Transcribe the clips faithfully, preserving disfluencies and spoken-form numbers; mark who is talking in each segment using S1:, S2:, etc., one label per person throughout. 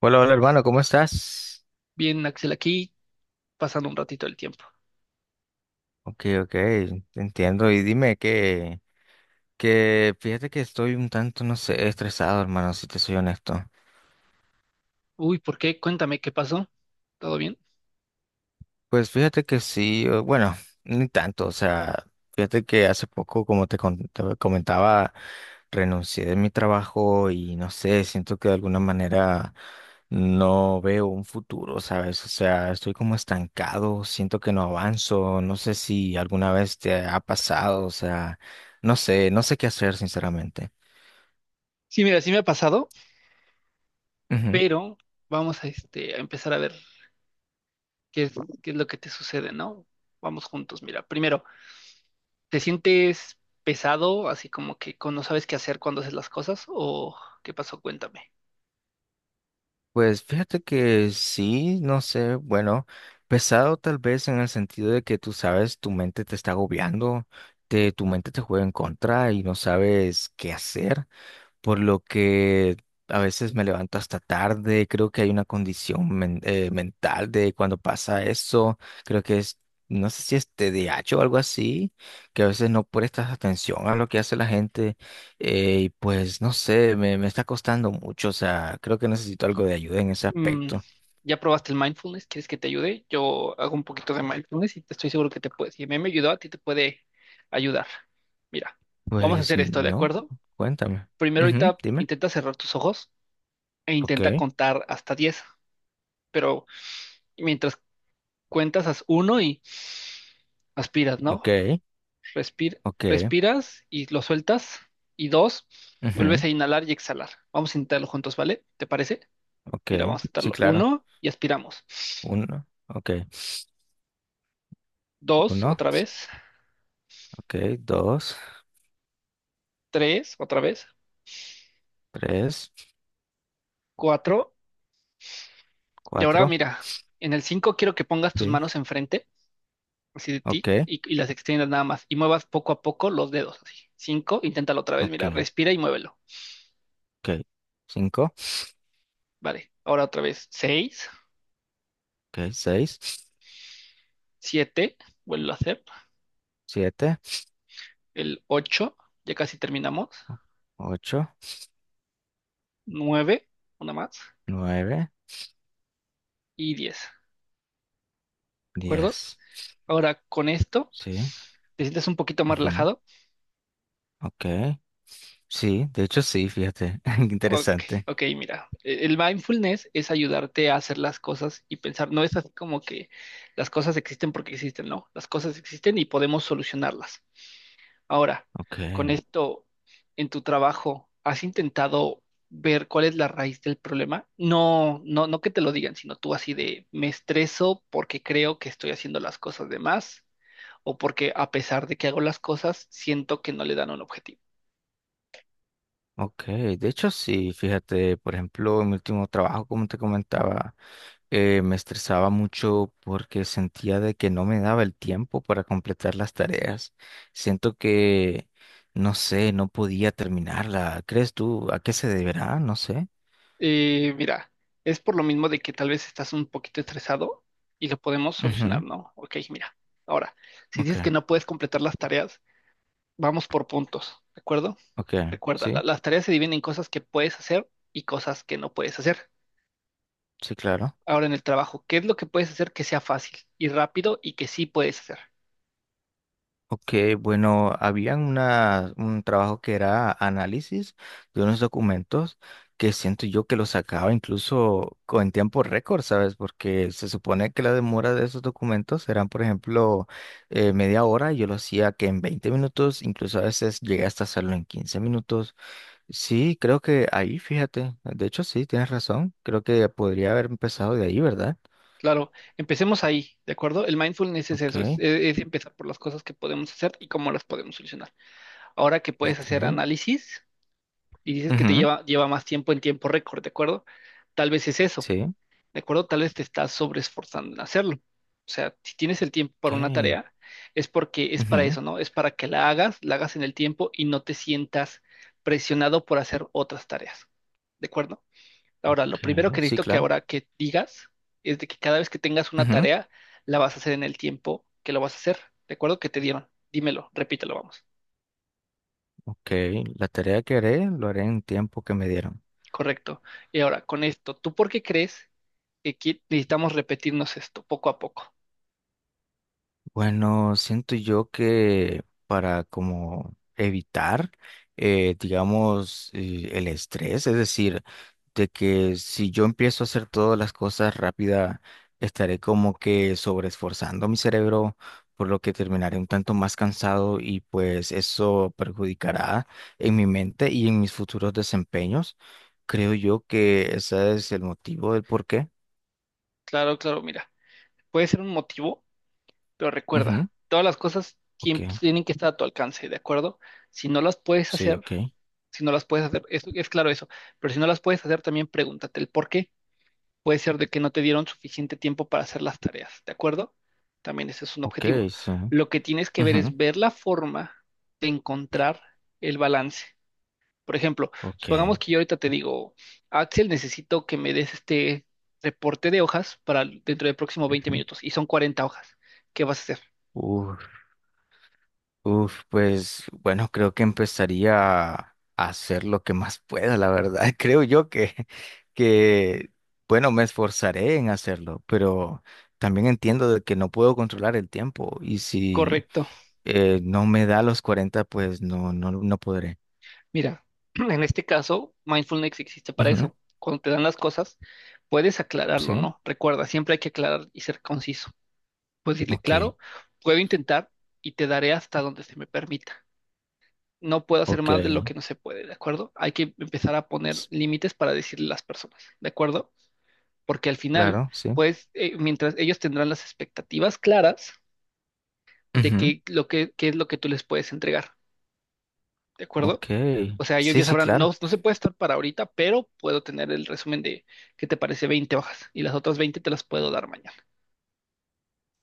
S1: Hola, hola hermano, ¿cómo estás?
S2: Bien, Axel, aquí pasando un ratito el tiempo.
S1: Ok, ok, te entiendo. Y dime que, que fíjate que estoy un tanto, no sé, estresado, hermano, si te soy honesto.
S2: Uy, ¿por qué? Cuéntame, ¿qué pasó? ¿Todo bien?
S1: Pues fíjate que sí, o- bueno, ni tanto, o sea, fíjate que hace poco, como te con- te comentaba, renuncié de mi trabajo y no sé, siento que de alguna manera no veo un futuro, ¿sabes? O sea, estoy como estancado, siento que no avanzo, no sé si alguna vez te ha pasado, o sea, no sé, no sé qué hacer, sinceramente.
S2: Sí, mira, sí me ha pasado, pero vamos a, este, a empezar a ver qué es, qué es lo que te sucede, ¿no? Vamos juntos, mira. Primero, ¿te sientes pesado, así como que con- no sabes qué hacer cuando haces las cosas? ¿O qué pasó? Cuéntame.
S1: Pues fíjate que sí, no sé, bueno, pesado tal vez en el sentido de que tú sabes, tu mente te está agobiando, te, tu mente te juega en contra y no sabes qué hacer por lo que a veces me levanto hasta tarde. Creo que hay una condición men- eh, mental de cuando pasa eso. Creo que es, no sé si es T D A H o algo así, que a veces no prestas atención a lo que hace la gente. Eh, y pues no sé, me, me está costando mucho. O sea, creo que necesito algo de ayuda en ese
S2: Mm,
S1: aspecto.
S2: ¿ya probaste el mindfulness? ¿Quieres que te ayude? Yo hago un poquito de mindfulness y te estoy seguro que te puede. Si a mí me ayudó, a ti te puede ayudar. Mira, vamos a
S1: Pues
S2: hacer esto, ¿de
S1: no,
S2: acuerdo?
S1: cuéntame.
S2: Primero
S1: Ujú,
S2: ahorita
S1: dime.
S2: intenta cerrar tus ojos e
S1: Ok,
S2: intenta contar hasta diez, pero mientras cuentas haz uno y aspiras, ¿no?
S1: ok,
S2: Respir-
S1: ok,
S2: Respiras y lo sueltas y dos, vuelves
S1: ujú,
S2: a inhalar y exhalar. Vamos a intentarlo juntos, ¿vale? ¿Te parece? Mira,
S1: ok.
S2: vamos a
S1: Sí,
S2: intentarlo.
S1: claro.
S2: Uno y aspiramos.
S1: Uno, ok.
S2: Dos,
S1: Uno,
S2: otra vez.
S1: ok, dos.
S2: Tres, otra vez.
S1: Tres,
S2: Cuatro. Y ahora
S1: cuatro,
S2: mira, en el cinco quiero que pongas tus
S1: sí,
S2: manos enfrente así de
S1: ok,
S2: ti y, y las extiendas nada más y muevas poco a poco los dedos, así. Cinco, inténtalo otra vez,
S1: ok,
S2: mira, respira y muévelo.
S1: ok. Cinco,
S2: Vale, ahora otra vez, seis,
S1: ok, seis,
S2: siete, vuelvo a hacer,
S1: siete,
S2: el ocho, ya casi terminamos,
S1: o- ocho,
S2: nueve, una más
S1: nueve,
S2: y diez, ¿de acuerdo?
S1: diez,
S2: Ahora con esto,
S1: sí,
S2: ¿te sientes un poquito más
S1: ujú,
S2: relajado?
S1: ok, sí, de hecho sí, fíjate,
S2: Ok,
S1: interesante,
S2: ok, mira, e- el mindfulness es ayudarte a hacer las cosas y pensar, no es así como que las cosas existen porque existen. No, las cosas existen y podemos solucionarlas. Ahora, con
S1: ok.
S2: esto en tu trabajo, ¿has intentado ver cuál es la raíz del problema? No, no, no que te lo digan, sino tú así de: me estreso porque creo que estoy haciendo las cosas de más o porque a pesar de que hago las cosas, siento que no le dan un objetivo.
S1: Ok, de hecho sí, fíjate, por ejemplo, en mi último trabajo, como te comentaba, eh, me estresaba mucho porque sentía de que no me daba el tiempo para completar las tareas. Siento que, no sé, no podía terminarla. ¿Crees tú a qué se deberá? No sé.
S2: Eh, mira, es por lo mismo de que tal vez estás un poquito estresado y lo podemos solucionar,
S1: Ujú,
S2: ¿no? Ok, mira, ahora, si
S1: ok,
S2: dices que no puedes completar las tareas, vamos por puntos, ¿de acuerdo?
S1: ok,
S2: Recuerda,
S1: sí,
S2: la- las tareas se dividen en cosas que puedes hacer y cosas que no puedes hacer.
S1: sí, claro.
S2: Ahora en el trabajo, ¿qué es lo que puedes hacer que sea fácil y rápido y que sí puedes hacer?
S1: Ok, bueno, había una, un trabajo que era análisis de unos documentos que siento yo que lo sacaba incluso co- en tiempo récord, ¿sabes? Porque se supone que la demora de esos documentos eran, por ejemplo, eh, media hora, y yo lo hacía que en veinte minutos, incluso a veces llegué hasta hacerlo en quince minutos. Sí, creo que ahí, fíjate, de hecho sí, tienes razón, creo que podría haber empezado de ahí, ¿verdad?
S2: Claro, empecemos ahí, ¿de acuerdo? El mindfulness es eso, es,
S1: Ok,
S2: e-, es empezar por las cosas que podemos hacer y cómo las podemos solucionar. Ahora que puedes hacer
S1: ok.
S2: análisis y dices que te
S1: Ujú,
S2: lleva, lleva más tiempo en tiempo récord, ¿de acuerdo? Tal vez es eso.
S1: sí,
S2: ¿De acuerdo? Tal vez te estás sobreesforzando en hacerlo. O sea, si tienes el tiempo para una
S1: ok.
S2: tarea, es porque es para
S1: Ujú.
S2: eso, ¿no? Es para que la hagas, la hagas en el tiempo y no te sientas presionado por hacer otras tareas. ¿De acuerdo? Ahora, lo
S1: Ok,
S2: primero que
S1: sí,
S2: necesito que
S1: claro.
S2: ahora que digas es de que cada vez que tengas una
S1: Ujú,
S2: tarea, la vas a hacer en el tiempo que lo vas a hacer. ¿De acuerdo? Que te dieron. Dímelo, repítelo, vamos.
S1: ok, la tarea que haré lo haré en tiempo que me dieron.
S2: Correcto. Y ahora, con esto, ¿tú por qué crees que qui- necesitamos repetirnos esto poco a poco?
S1: Bueno, siento yo que para como evitar, eh, digamos, eh, el estrés, es decir, de que si yo empiezo a hacer todas las cosas rápida, estaré como que sobreesforzando mi cerebro, por lo que terminaré un tanto más cansado y pues eso perjudicará en mi mente y en mis futuros desempeños. Creo yo que ese es el motivo del por qué.
S2: Claro, claro, mira. Puede ser un motivo, pero
S1: Ujú,
S2: recuerda, todas las cosas
S1: ok,
S2: tiem- tienen que estar a tu alcance, ¿de acuerdo? Si no las puedes
S1: sí,
S2: hacer,
S1: ok,
S2: si no las puedes hacer, es, es claro eso, pero si no las puedes hacer, también pregúntate el por qué. Puede ser de que no te dieron suficiente tiempo para hacer las tareas, ¿de acuerdo? También ese es un
S1: ok,
S2: objetivo.
S1: sí.
S2: Lo que tienes que ver es
S1: Ujú.
S2: ver la forma de encontrar el balance. Por ejemplo,
S1: Ok.
S2: supongamos que yo ahorita te digo: Axel, necesito que me des este reporte de hojas para el- dentro del próximo veinte
S1: Ujú.
S2: minutos y son cuarenta hojas. ¿Qué vas a hacer?
S1: Uf, uf, pues bueno, creo que empezaría a hacer lo que más pueda, la verdad. Creo yo que, que, bueno, me esforzaré en hacerlo, pero también entiendo de que no puedo controlar el tiempo y si
S2: Correcto.
S1: eh, no me da los cuarenta, pues no, no, no podré.
S2: Mira, en este caso, mindfulness existe para
S1: Ujú,
S2: eso. Cuando te dan las cosas, puedes aclararlo,
S1: sí,
S2: ¿no? Recuerda, siempre hay que aclarar y ser conciso. Puedes decirle:
S1: ok,
S2: claro, puedo intentar y te daré hasta donde se me permita. No puedo hacer
S1: ok.
S2: más de lo que no se puede, ¿de acuerdo? Hay que empezar a poner
S1: s-
S2: límites para decirle a las personas, ¿de acuerdo? Porque al final,
S1: Claro, sí.
S2: pues, eh, mientras ellos tendrán las expectativas claras de
S1: Ujú,
S2: que lo que, qué es lo que tú les puedes entregar, ¿de acuerdo?
S1: ok,
S2: O sea, ellos
S1: sí,
S2: ya
S1: sí,
S2: sabrán: no,
S1: claro.
S2: no se puede estar para ahorita, pero puedo tener el resumen de, ¿qué te parece?, veinte hojas y las otras veinte te las puedo dar mañana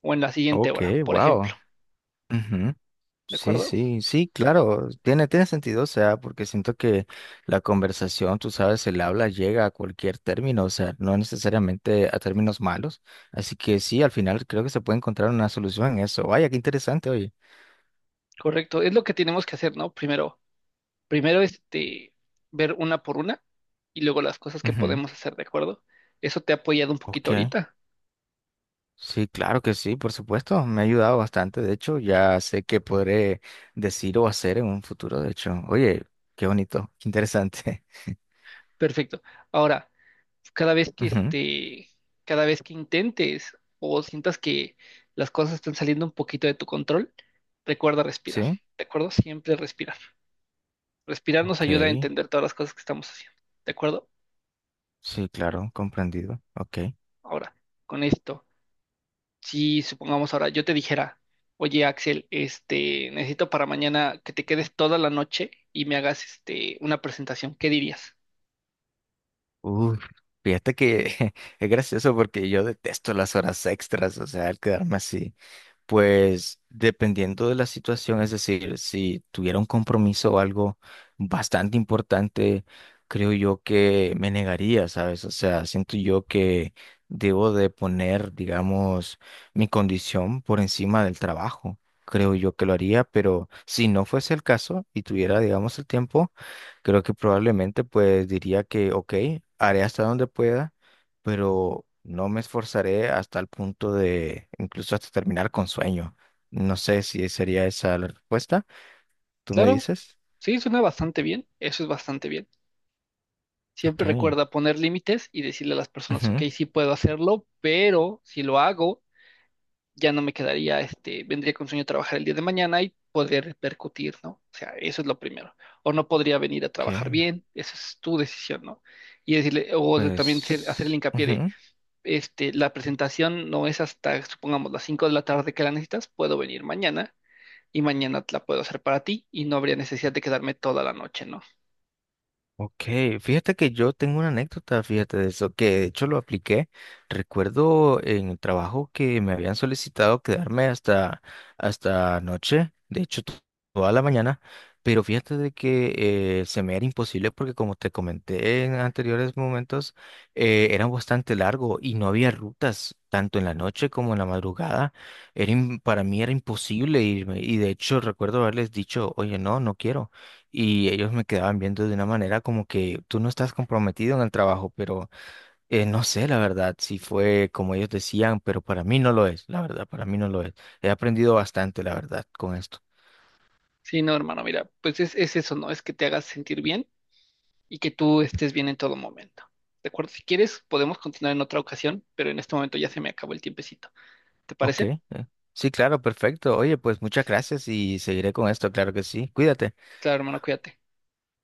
S2: o en la siguiente
S1: Ok,
S2: hora, por
S1: wow.
S2: ejemplo,
S1: Ujú.
S2: ¿de
S1: Sí,
S2: acuerdo?
S1: sí, sí, claro, tiene, tiene sentido, o sea, porque siento que la conversación, tú sabes, el habla llega a cualquier término, o sea, no necesariamente a términos malos, así que sí, al final creo que se puede encontrar una solución en eso. Vaya, qué interesante, oye.
S2: Correcto, es lo que tenemos que hacer, ¿no? Primero, primero, este, ver una por una y luego las cosas que
S1: Ujú,
S2: podemos hacer, ¿de acuerdo? Eso te ha apoyado un
S1: ok,
S2: poquito ahorita.
S1: sí, claro que sí, por supuesto, me ha ayudado bastante, de hecho, ya sé qué podré decir o hacer en un futuro, de hecho, oye, qué bonito, qué interesante.
S2: Perfecto. Ahora, cada vez que
S1: Ujú,
S2: este, cada vez que intentes o sientas que las cosas están saliendo un poquito de tu control, recuerda respirar.
S1: sí,
S2: ¿De acuerdo? Siempre respirar. Respirar nos ayuda a
S1: ok,
S2: entender todas las cosas que estamos haciendo. ¿De acuerdo?
S1: sí, claro, comprendido, ok.
S2: Ahora, con esto, si supongamos ahora yo te dijera: oye Axel, este, necesito para mañana que te quedes toda la noche y me hagas este, una presentación, ¿qué dirías?
S1: Uf, fíjate que es gracioso porque yo detesto las horas extras, o sea, el quedarme así. Pues dependiendo de la situación, es decir, si tuviera un compromiso o algo bastante importante, creo yo que me negaría, ¿sabes? O sea, siento yo que debo de poner, digamos, mi condición por encima del trabajo. Creo yo que lo haría, pero si no fuese el caso y tuviera, digamos, el tiempo, creo que probablemente pues diría que, ok, haré hasta donde pueda pero no me esforzaré hasta el punto de incluso hasta terminar con sueño. No sé si sería esa la respuesta. ¿Tú me
S2: Claro,
S1: dices?
S2: sí, suena bastante bien, eso es bastante bien. Siempre
S1: Ok.
S2: recuerda poner límites y decirle a las personas: ok,
S1: Ujú,
S2: sí puedo hacerlo, pero si lo hago, ya no me quedaría, este, vendría con sueño a trabajar el día de mañana y podría repercutir, ¿no? O sea, eso es lo primero. O no podría venir a
S1: ok,
S2: trabajar bien, esa es tu decisión, ¿no? Y decirle, o de- también ser- hacer el
S1: Pues,
S2: hincapié de,
S1: ujú.
S2: este, la presentación no es hasta, supongamos, las cinco de la tarde que la necesitas, puedo venir mañana y mañana la puedo hacer para ti y no habría necesidad de quedarme toda la noche, ¿no?
S1: Ok, fíjate que yo tengo una anécdota, fíjate de eso, que de hecho lo apliqué. Recuerdo en el trabajo que me habían solicitado quedarme hasta, hasta noche, de hecho to- toda la mañana, pero fíjate de que eh, se me era imposible porque como te comenté en anteriores momentos, eh, era bastante largo y no había rutas. Tanto en la noche como en la madrugada, era im- para mí era imposible irme y de hecho recuerdo haberles dicho, oye, no, no quiero. Y ellos me quedaban viendo de una manera como que tú no estás comprometido en el trabajo, pero eh, no sé, la verdad, si fue como ellos decían, pero para mí no lo es, la verdad, para mí no lo es. He aprendido bastante, la verdad, con esto.
S2: Sí, no, hermano, mira, pues es, es eso, ¿no? Es que te hagas sentir bien y que tú estés bien en todo momento. ¿De acuerdo? Si quieres, podemos continuar en otra ocasión, pero en este momento ya se me acabó el tiempecito. ¿Te
S1: Ok.
S2: parece?
S1: eh. Sí, claro, perfecto. Oye, pues muchas gracias y seguiré con esto, claro que sí. Cuídate.
S2: Claro, hermano, cuídate.